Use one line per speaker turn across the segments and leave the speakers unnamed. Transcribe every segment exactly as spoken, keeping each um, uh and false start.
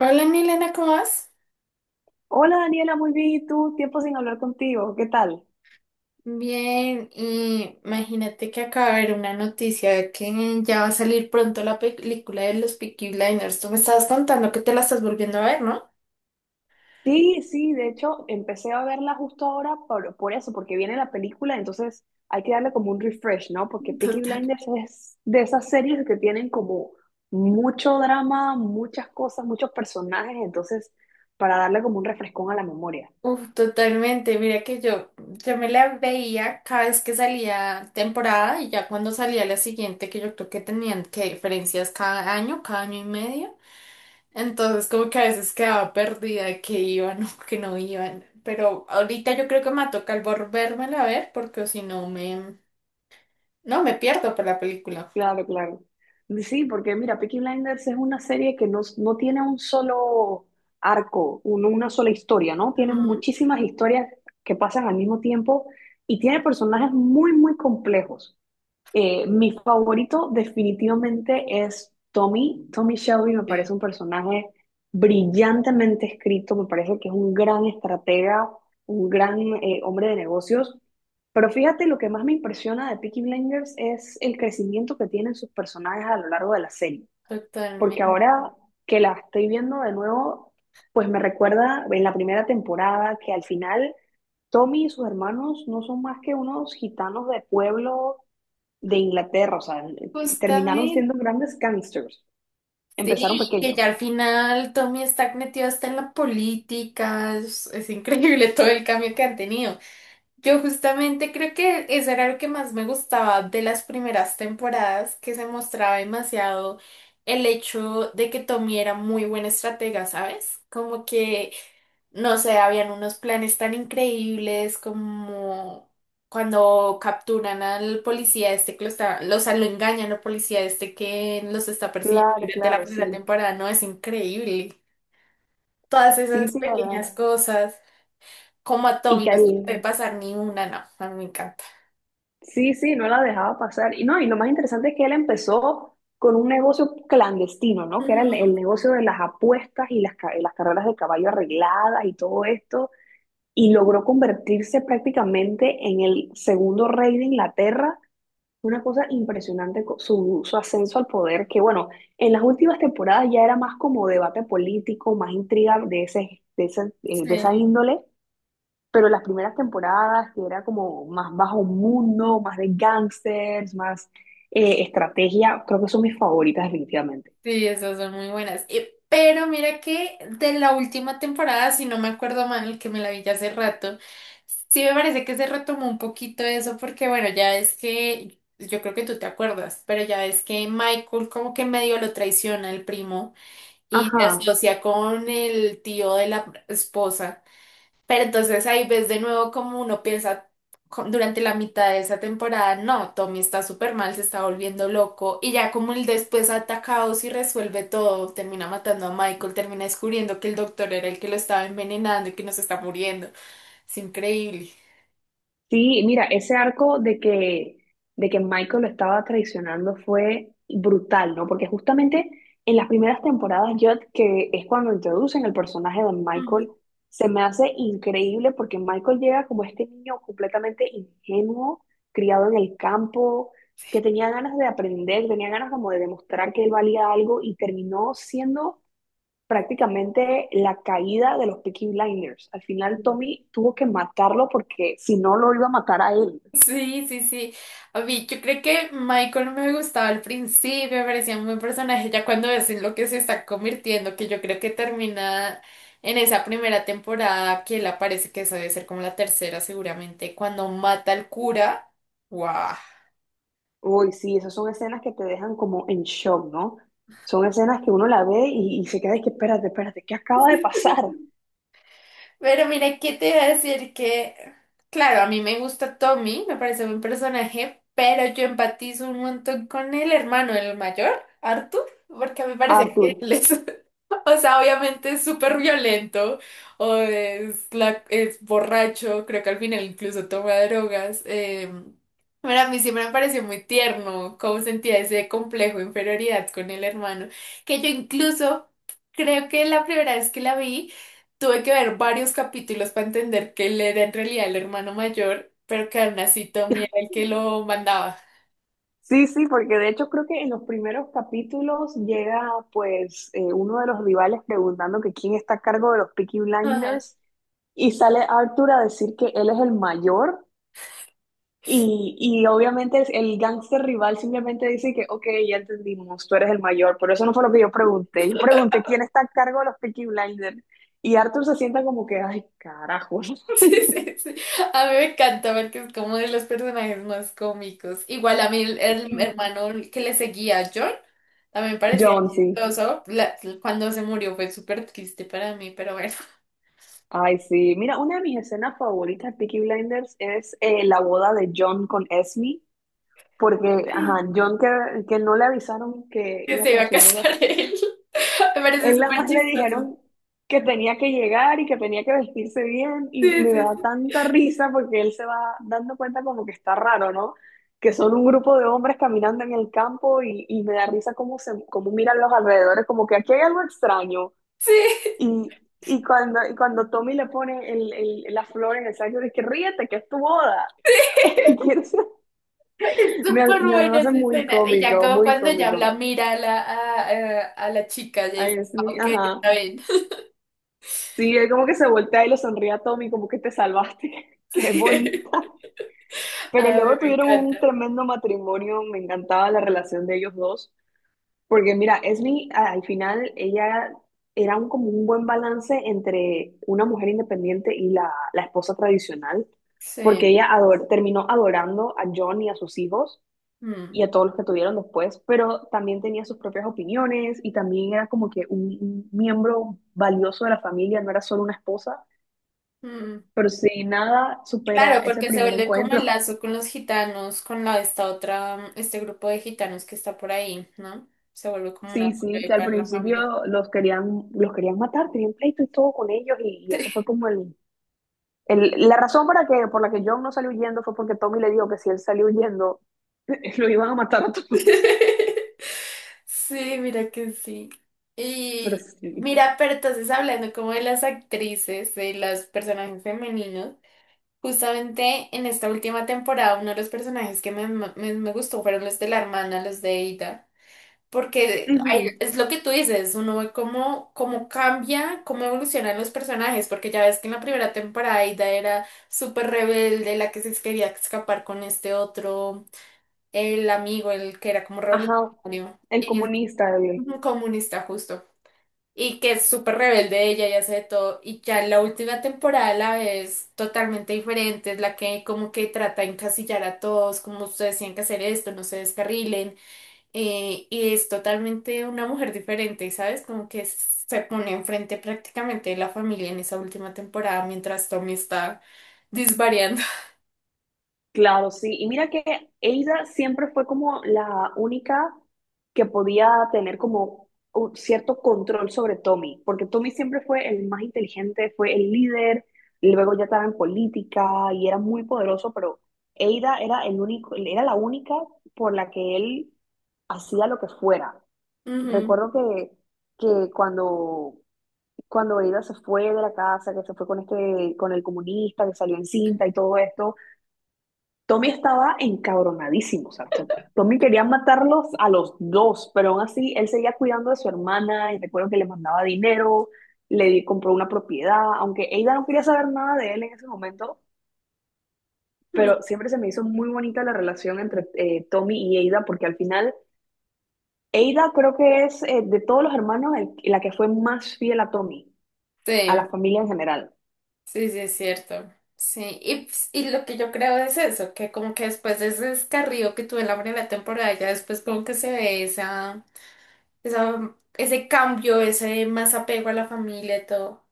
Hola Milena, ¿cómo vas?
Hola Daniela, muy bien. ¿Y tú? Tiempo sin hablar contigo. ¿Qué tal?
Bien, y imagínate que acaba de ver una noticia de que ya va a salir pronto la película de los Peaky Blinders. Tú me estabas contando que te la estás volviendo a ver, ¿no?
Sí, sí, de hecho empecé a verla justo ahora por, por eso, porque viene la película, entonces hay que darle como un refresh, ¿no? Porque Peaky
Total.
Blinders es de esas series que tienen como mucho drama, muchas cosas, muchos personajes, entonces para darle como un refrescón a la memoria.
Uf, totalmente. Mira que yo, yo me la veía cada vez que salía temporada y ya cuando salía la siguiente, que yo creo que tenían que diferencias cada año, cada año y medio. Entonces, como que a veces quedaba perdida de que iban o que no iban. Pero ahorita yo creo que me toca el volvérmela a ver porque si no me... No, me pierdo por la película.
Claro, claro. Sí, porque mira, Peaky Blinders es una serie que no, no tiene un solo arco, un- una sola historia, ¿no? Tiene
Ujú.
muchísimas historias que pasan al mismo tiempo y tiene personajes muy, muy complejos. Eh, mi favorito definitivamente es Tommy. Tommy Shelby me
Sí.
parece un personaje brillantemente escrito, me parece que es un gran estratega, un gran eh, hombre de negocios. Pero fíjate, lo que más me impresiona de Peaky Blinders es el crecimiento que tienen sus personajes a lo largo de la serie. Porque
Totalmente.
ahora que la estoy viendo de nuevo, pues me recuerda en la primera temporada que al final Tommy y sus hermanos no son más que unos gitanos de pueblo de Inglaterra, o sea, terminaron
Justamente.
siendo grandes gangsters, empezaron
Sí, que
pequeños.
ya al final Tommy está metido hasta en la política. Es, es increíble todo el cambio que han tenido. Yo justamente creo que eso era lo que más me gustaba de las primeras temporadas, que se mostraba demasiado el hecho de que Tommy era muy buen estratega, ¿sabes? Como que, no sé, habían unos planes tan increíbles como cuando capturan al policía este que lo está, lo- o sea, lo engañan al policía este que los está persiguiendo
Claro,
durante la
claro,
primera
sí.
temporada, ¿no? Es increíble. Todas
Sí,
esas
sí, la verdad.
pequeñas cosas, como a
Y
Tommy
que
no se le puede
él,
pasar ni una, no, a mí me encanta.
sí, sí, no la dejaba pasar. Y no, y lo más interesante es que él empezó con un negocio clandestino, ¿no? Que era el,
Ujú.
el negocio de las apuestas y las, ca- las carreras de caballo arregladas y todo esto. Y logró convertirse prácticamente en el segundo rey de Inglaterra. Una cosa impresionante co- su, su ascenso al poder, que bueno, en las últimas temporadas ya era más como debate político, más intriga de ese, de ese, eh, de esa
Sí,
índole, pero las primeras temporadas que era como más bajo mundo, más de gángsters, más eh, estrategia, creo que son mis favoritas definitivamente.
sí, esas son muy buenas. Y, pero mira que de la última temporada, si no me acuerdo mal, que me la vi ya hace rato, sí me parece que se retomó un poquito eso, porque bueno, ya es que, yo creo que tú te acuerdas, pero ya es que Michael como que medio lo traiciona el primo y se
Ajá.
asocia con el tío de la esposa. Pero entonces ahí ves de nuevo como uno piensa co- durante la mitad de esa temporada, no, Tommy está súper mal, se está volviendo loco y ya como él después ataca a Oz y resuelve todo, termina matando a Michael, termina descubriendo que el doctor era el que lo estaba envenenando y que nos está muriendo. Es increíble.
Sí, mira, ese arco de que, de que Michael lo estaba traicionando fue brutal, ¿no? Porque justamente en las primeras temporadas, yo que es cuando introducen el personaje de Michael, se me hace increíble porque Michael llega como este niño completamente ingenuo, criado en el campo, que tenía ganas de aprender, tenía ganas como de demostrar que él valía algo y terminó siendo prácticamente la caída de los Peaky Blinders. Al final Tommy tuvo que matarlo porque si no lo iba a matar a él.
Sí, sí, sí. A mí, yo creo que Michael no me gustaba al principio, me parecía un buen personaje, ya cuando ves en lo que se está convirtiendo, que yo creo que termina en esa primera temporada, que él aparece, que eso debe ser como la tercera seguramente, cuando mata al cura. ¡Wow!
Uy, sí, esas son escenas que te dejan como en shock, ¿no? Son escenas que uno la ve y, y se queda de que espérate, espérate, ¿qué acaba de pasar?
Pero mira, ¿qué te iba a decir? Que, claro, a mí me gusta Tommy, me parece un personaje, pero yo empatizo un montón con el hermano, el mayor, Arthur, porque me parece que
¿Arthur?
él es, o sea, obviamente es súper violento, o es, la, es borracho, creo que al final incluso toma drogas. Eh, pero a mí siempre me pareció muy tierno cómo sentía ese complejo de inferioridad con el hermano, que yo incluso creo que la primera vez que la vi, tuve que ver varios capítulos para entender que él era en realidad el hermano mayor, pero que aún así Tommy era el que lo mandaba.
Sí, sí, porque de hecho creo que en los primeros capítulos llega pues eh, uno de los rivales preguntando que quién está a cargo de los Peaky
Ajá.
Blinders y sale Arthur a decir que él es el mayor. Y, y obviamente el gángster rival simplemente dice que ok, ya entendimos, tú eres el mayor, pero eso no fue lo que yo pregunté. Yo pregunté quién está a cargo de los Peaky Blinders. Y Arthur se sienta como que, ay, carajo.
Sí, sí, sí. A mí me encanta porque es como de los personajes más cómicos. Igual a mí el, el hermano que le seguía a John también me parecía
John, sí.
chistoso. La- cuando se murió fue súper triste para mí, pero bueno,
Ay, sí. Mira, una de mis escenas favoritas de Peaky Blinders es eh, la boda de John con Esme, porque,
que
ajá, John que, que no le avisaron que iba
se iba
para
a
su boda.
casar él. Me parece
Él nada
súper
más le
chistoso.
dijeron que tenía que llegar y que tenía que vestirse bien y
Sí,
me
sí,
da
sí.
tanta risa porque él se va dando cuenta como que está raro, ¿no? Que son un grupo de hombres caminando en el campo y, y me da risa cómo se, cómo miran los alrededores, como que aquí hay algo extraño.
Sí.
Y, y cuando, y cuando Tommy le pone el, el- la flor en el saco, dice que ríete, que es tu boda. Y eso
Es
Me,
súper
me
buena
hace
esa
muy
escena. Y ya
cómico,
como
muy
cuando ya la
cómico.
mira a la, a, a- a la chica, ya
Ay,
dice,
es
"Ah,
mi-
ok,
ajá.
está bien".
Sí, él como que se voltea y le sonríe a Tommy, como que te salvaste. Qué
Sí.
bonita. Pero
A mí
luego
me
tuvieron
encanta.
un tremendo matrimonio, me encantaba la relación de ellos dos, porque mira, Esme a- al final ella era un, como un buen balance entre una mujer independiente y la, la esposa tradicional, porque
Sí.
ella ador- terminó adorando a John y a sus hijos
Mm,
y a todos los que tuvieron después, pero también tenía sus propias opiniones y también era como que un un miembro valioso de la familia, no era solo una esposa.
mm.
Pero si nada supera
Claro,
ese
porque se
primer
vuelve como el
encuentro.
lazo con los gitanos, con la, esta otra, este grupo de gitanos que está por ahí, ¿no? Se vuelve como una
Sí,
apoyo
sí,
ahí
que al
para la familia.
principio los querían, los querían matar, tenían pleito y todo con ellos, y, y eso fue como el, el- la razón para que, por la que John no salió huyendo fue porque Tommy le dijo que si él salió huyendo, lo iban a matar a todos.
Sí, mira que sí.
Pero
Y
sí.
mira, pero entonces hablando como de las actrices, de las personajes femeninos. Justamente en esta última temporada, uno de los personajes que me, me, me gustó fueron los de la hermana, los de Ada. Porque ahí
Ujú.
es lo que tú dices, uno ve cómo, cómo cambia, cómo evolucionan los personajes. Porque ya ves que en la primera temporada Ada era súper rebelde, la que se quería escapar con este otro, el amigo, el que era como
Ajá.
revolucionario
El
y es
comunista, el,
un comunista justo y que es súper rebelde ella y hace de todo. Y ya en la última temporada la ves totalmente diferente, es la que como que trata de encasillar a todos, como ustedes tienen que hacer esto, no se descarrilen. Eh, y es totalmente una mujer diferente, ¿sabes? Como que se pone enfrente prácticamente de la familia en esa última temporada mientras Tommy está disvariando.
Claro, sí. Y mira que Ada siempre fue como la única que podía tener como un cierto control sobre Tommy, porque Tommy siempre fue el más inteligente, fue el líder, y luego ya estaba en política y era muy poderoso, pero Ada era el único, era la única por la que él hacía lo que fuera.
Ujú.
Recuerdo que, que cuando, cuando Ada se fue de la casa, que se fue con este, con el comunista, que salió en cinta y todo esto. Tommy estaba encabronadísimo, o sea, Tom- Tommy quería matarlos a los dos, pero aún así él seguía cuidando de su hermana y recuerdo que le mandaba dinero, le di- compró una propiedad, aunque Ada no quería saber nada de él en ese momento, pero siempre se me hizo muy bonita la relación entre eh, Tommy y Ada porque al final Ada creo que es eh, de todos los hermanos el- la que fue más fiel a Tommy, a la
Sí.
familia en general.
Sí, sí, es cierto. Sí, y, ps- y lo que yo creo es eso, que como que después de ese descarrío que tuve en la primera temporada, ya después como que se ve esa, esa, ese cambio, ese más apego a la familia y todo.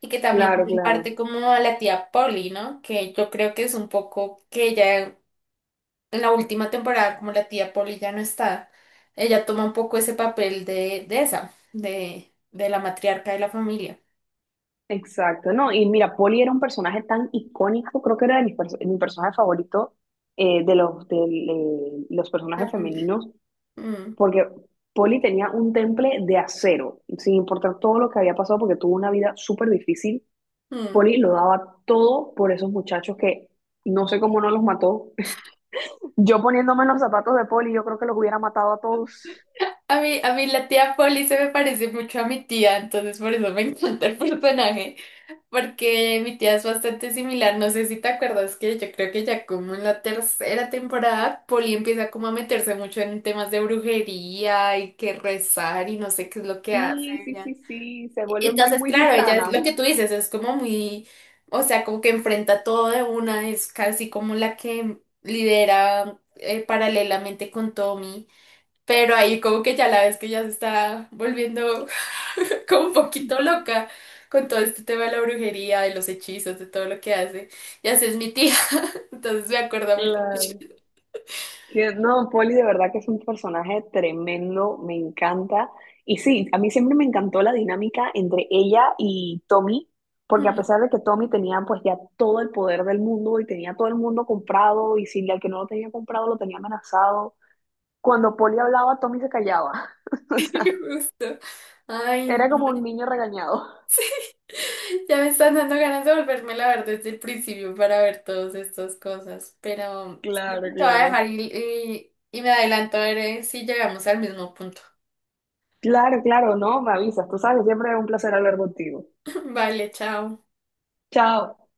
Y que también
Claro,
en parte
claro.
como a la tía Polly, ¿no? Que yo creo que es un poco que ella en la última temporada, como la tía Polly ya no está, ella toma un poco ese papel de, de esa, de, de la matriarca de la familia.
Exacto, no, y mira, Polly era un personaje tan icónico, creo que era de mis perso- mi personaje favorito eh, de los, de los
La
personajes
familia.
femeninos,
Mm,
porque Polly tenía un temple de acero, sin importar todo lo que había pasado, porque tuvo una vida súper difícil.
mm.
Polly lo daba todo por esos muchachos que no sé cómo no los mató. Yo poniéndome en los zapatos de Polly, yo creo que los hubiera matado a todos.
A mí, a mí la tía Polly se me parece mucho a mi tía, entonces por eso me encanta el personaje, porque mi tía es bastante similar. No sé si te acuerdas que yo creo que ya como en la tercera temporada, Polly empieza como a meterse mucho en temas de brujería y que rezar y no sé qué es lo que hace
Sí, sí,
ella.
sí, sí, se vuelve muy,
Entonces,
muy
claro, ella es
gitana,
lo que
¿no?
tú dices, es como muy, o sea, como que enfrenta todo de una, es casi como la que lidera eh, paralelamente con Tommy. Pero ahí como que ya la ves que ya se está volviendo como un poquito loca con todo este tema de la brujería, de los hechizos, de todo lo que hace. Y así es mi tía, entonces me acuerda mucho.
Claro. Que no, Poli de verdad que es un personaje tremendo, me encanta. Y sí, a mí siempre me encantó la dinámica entre ella y Tommy, porque a
Mm.
pesar de que Tommy tenía pues ya todo el poder del mundo y tenía todo el mundo comprado, y si al que no lo tenía comprado lo tenía amenazado, cuando Poli hablaba, Tommy se callaba. O sea,
Justo. Ay,
era
no.
como un niño regañado.
Ya me están dando ganas de volvérmela a ver desde el principio para ver todas estas cosas. Pero sí,
Claro,
te voy a
claro.
dejar y, y y me adelanto a ver eh, si llegamos al mismo punto.
Claro, claro, no, me avisas, tú sabes, siempre es un placer hablar contigo.
Vale, chao.
Chao.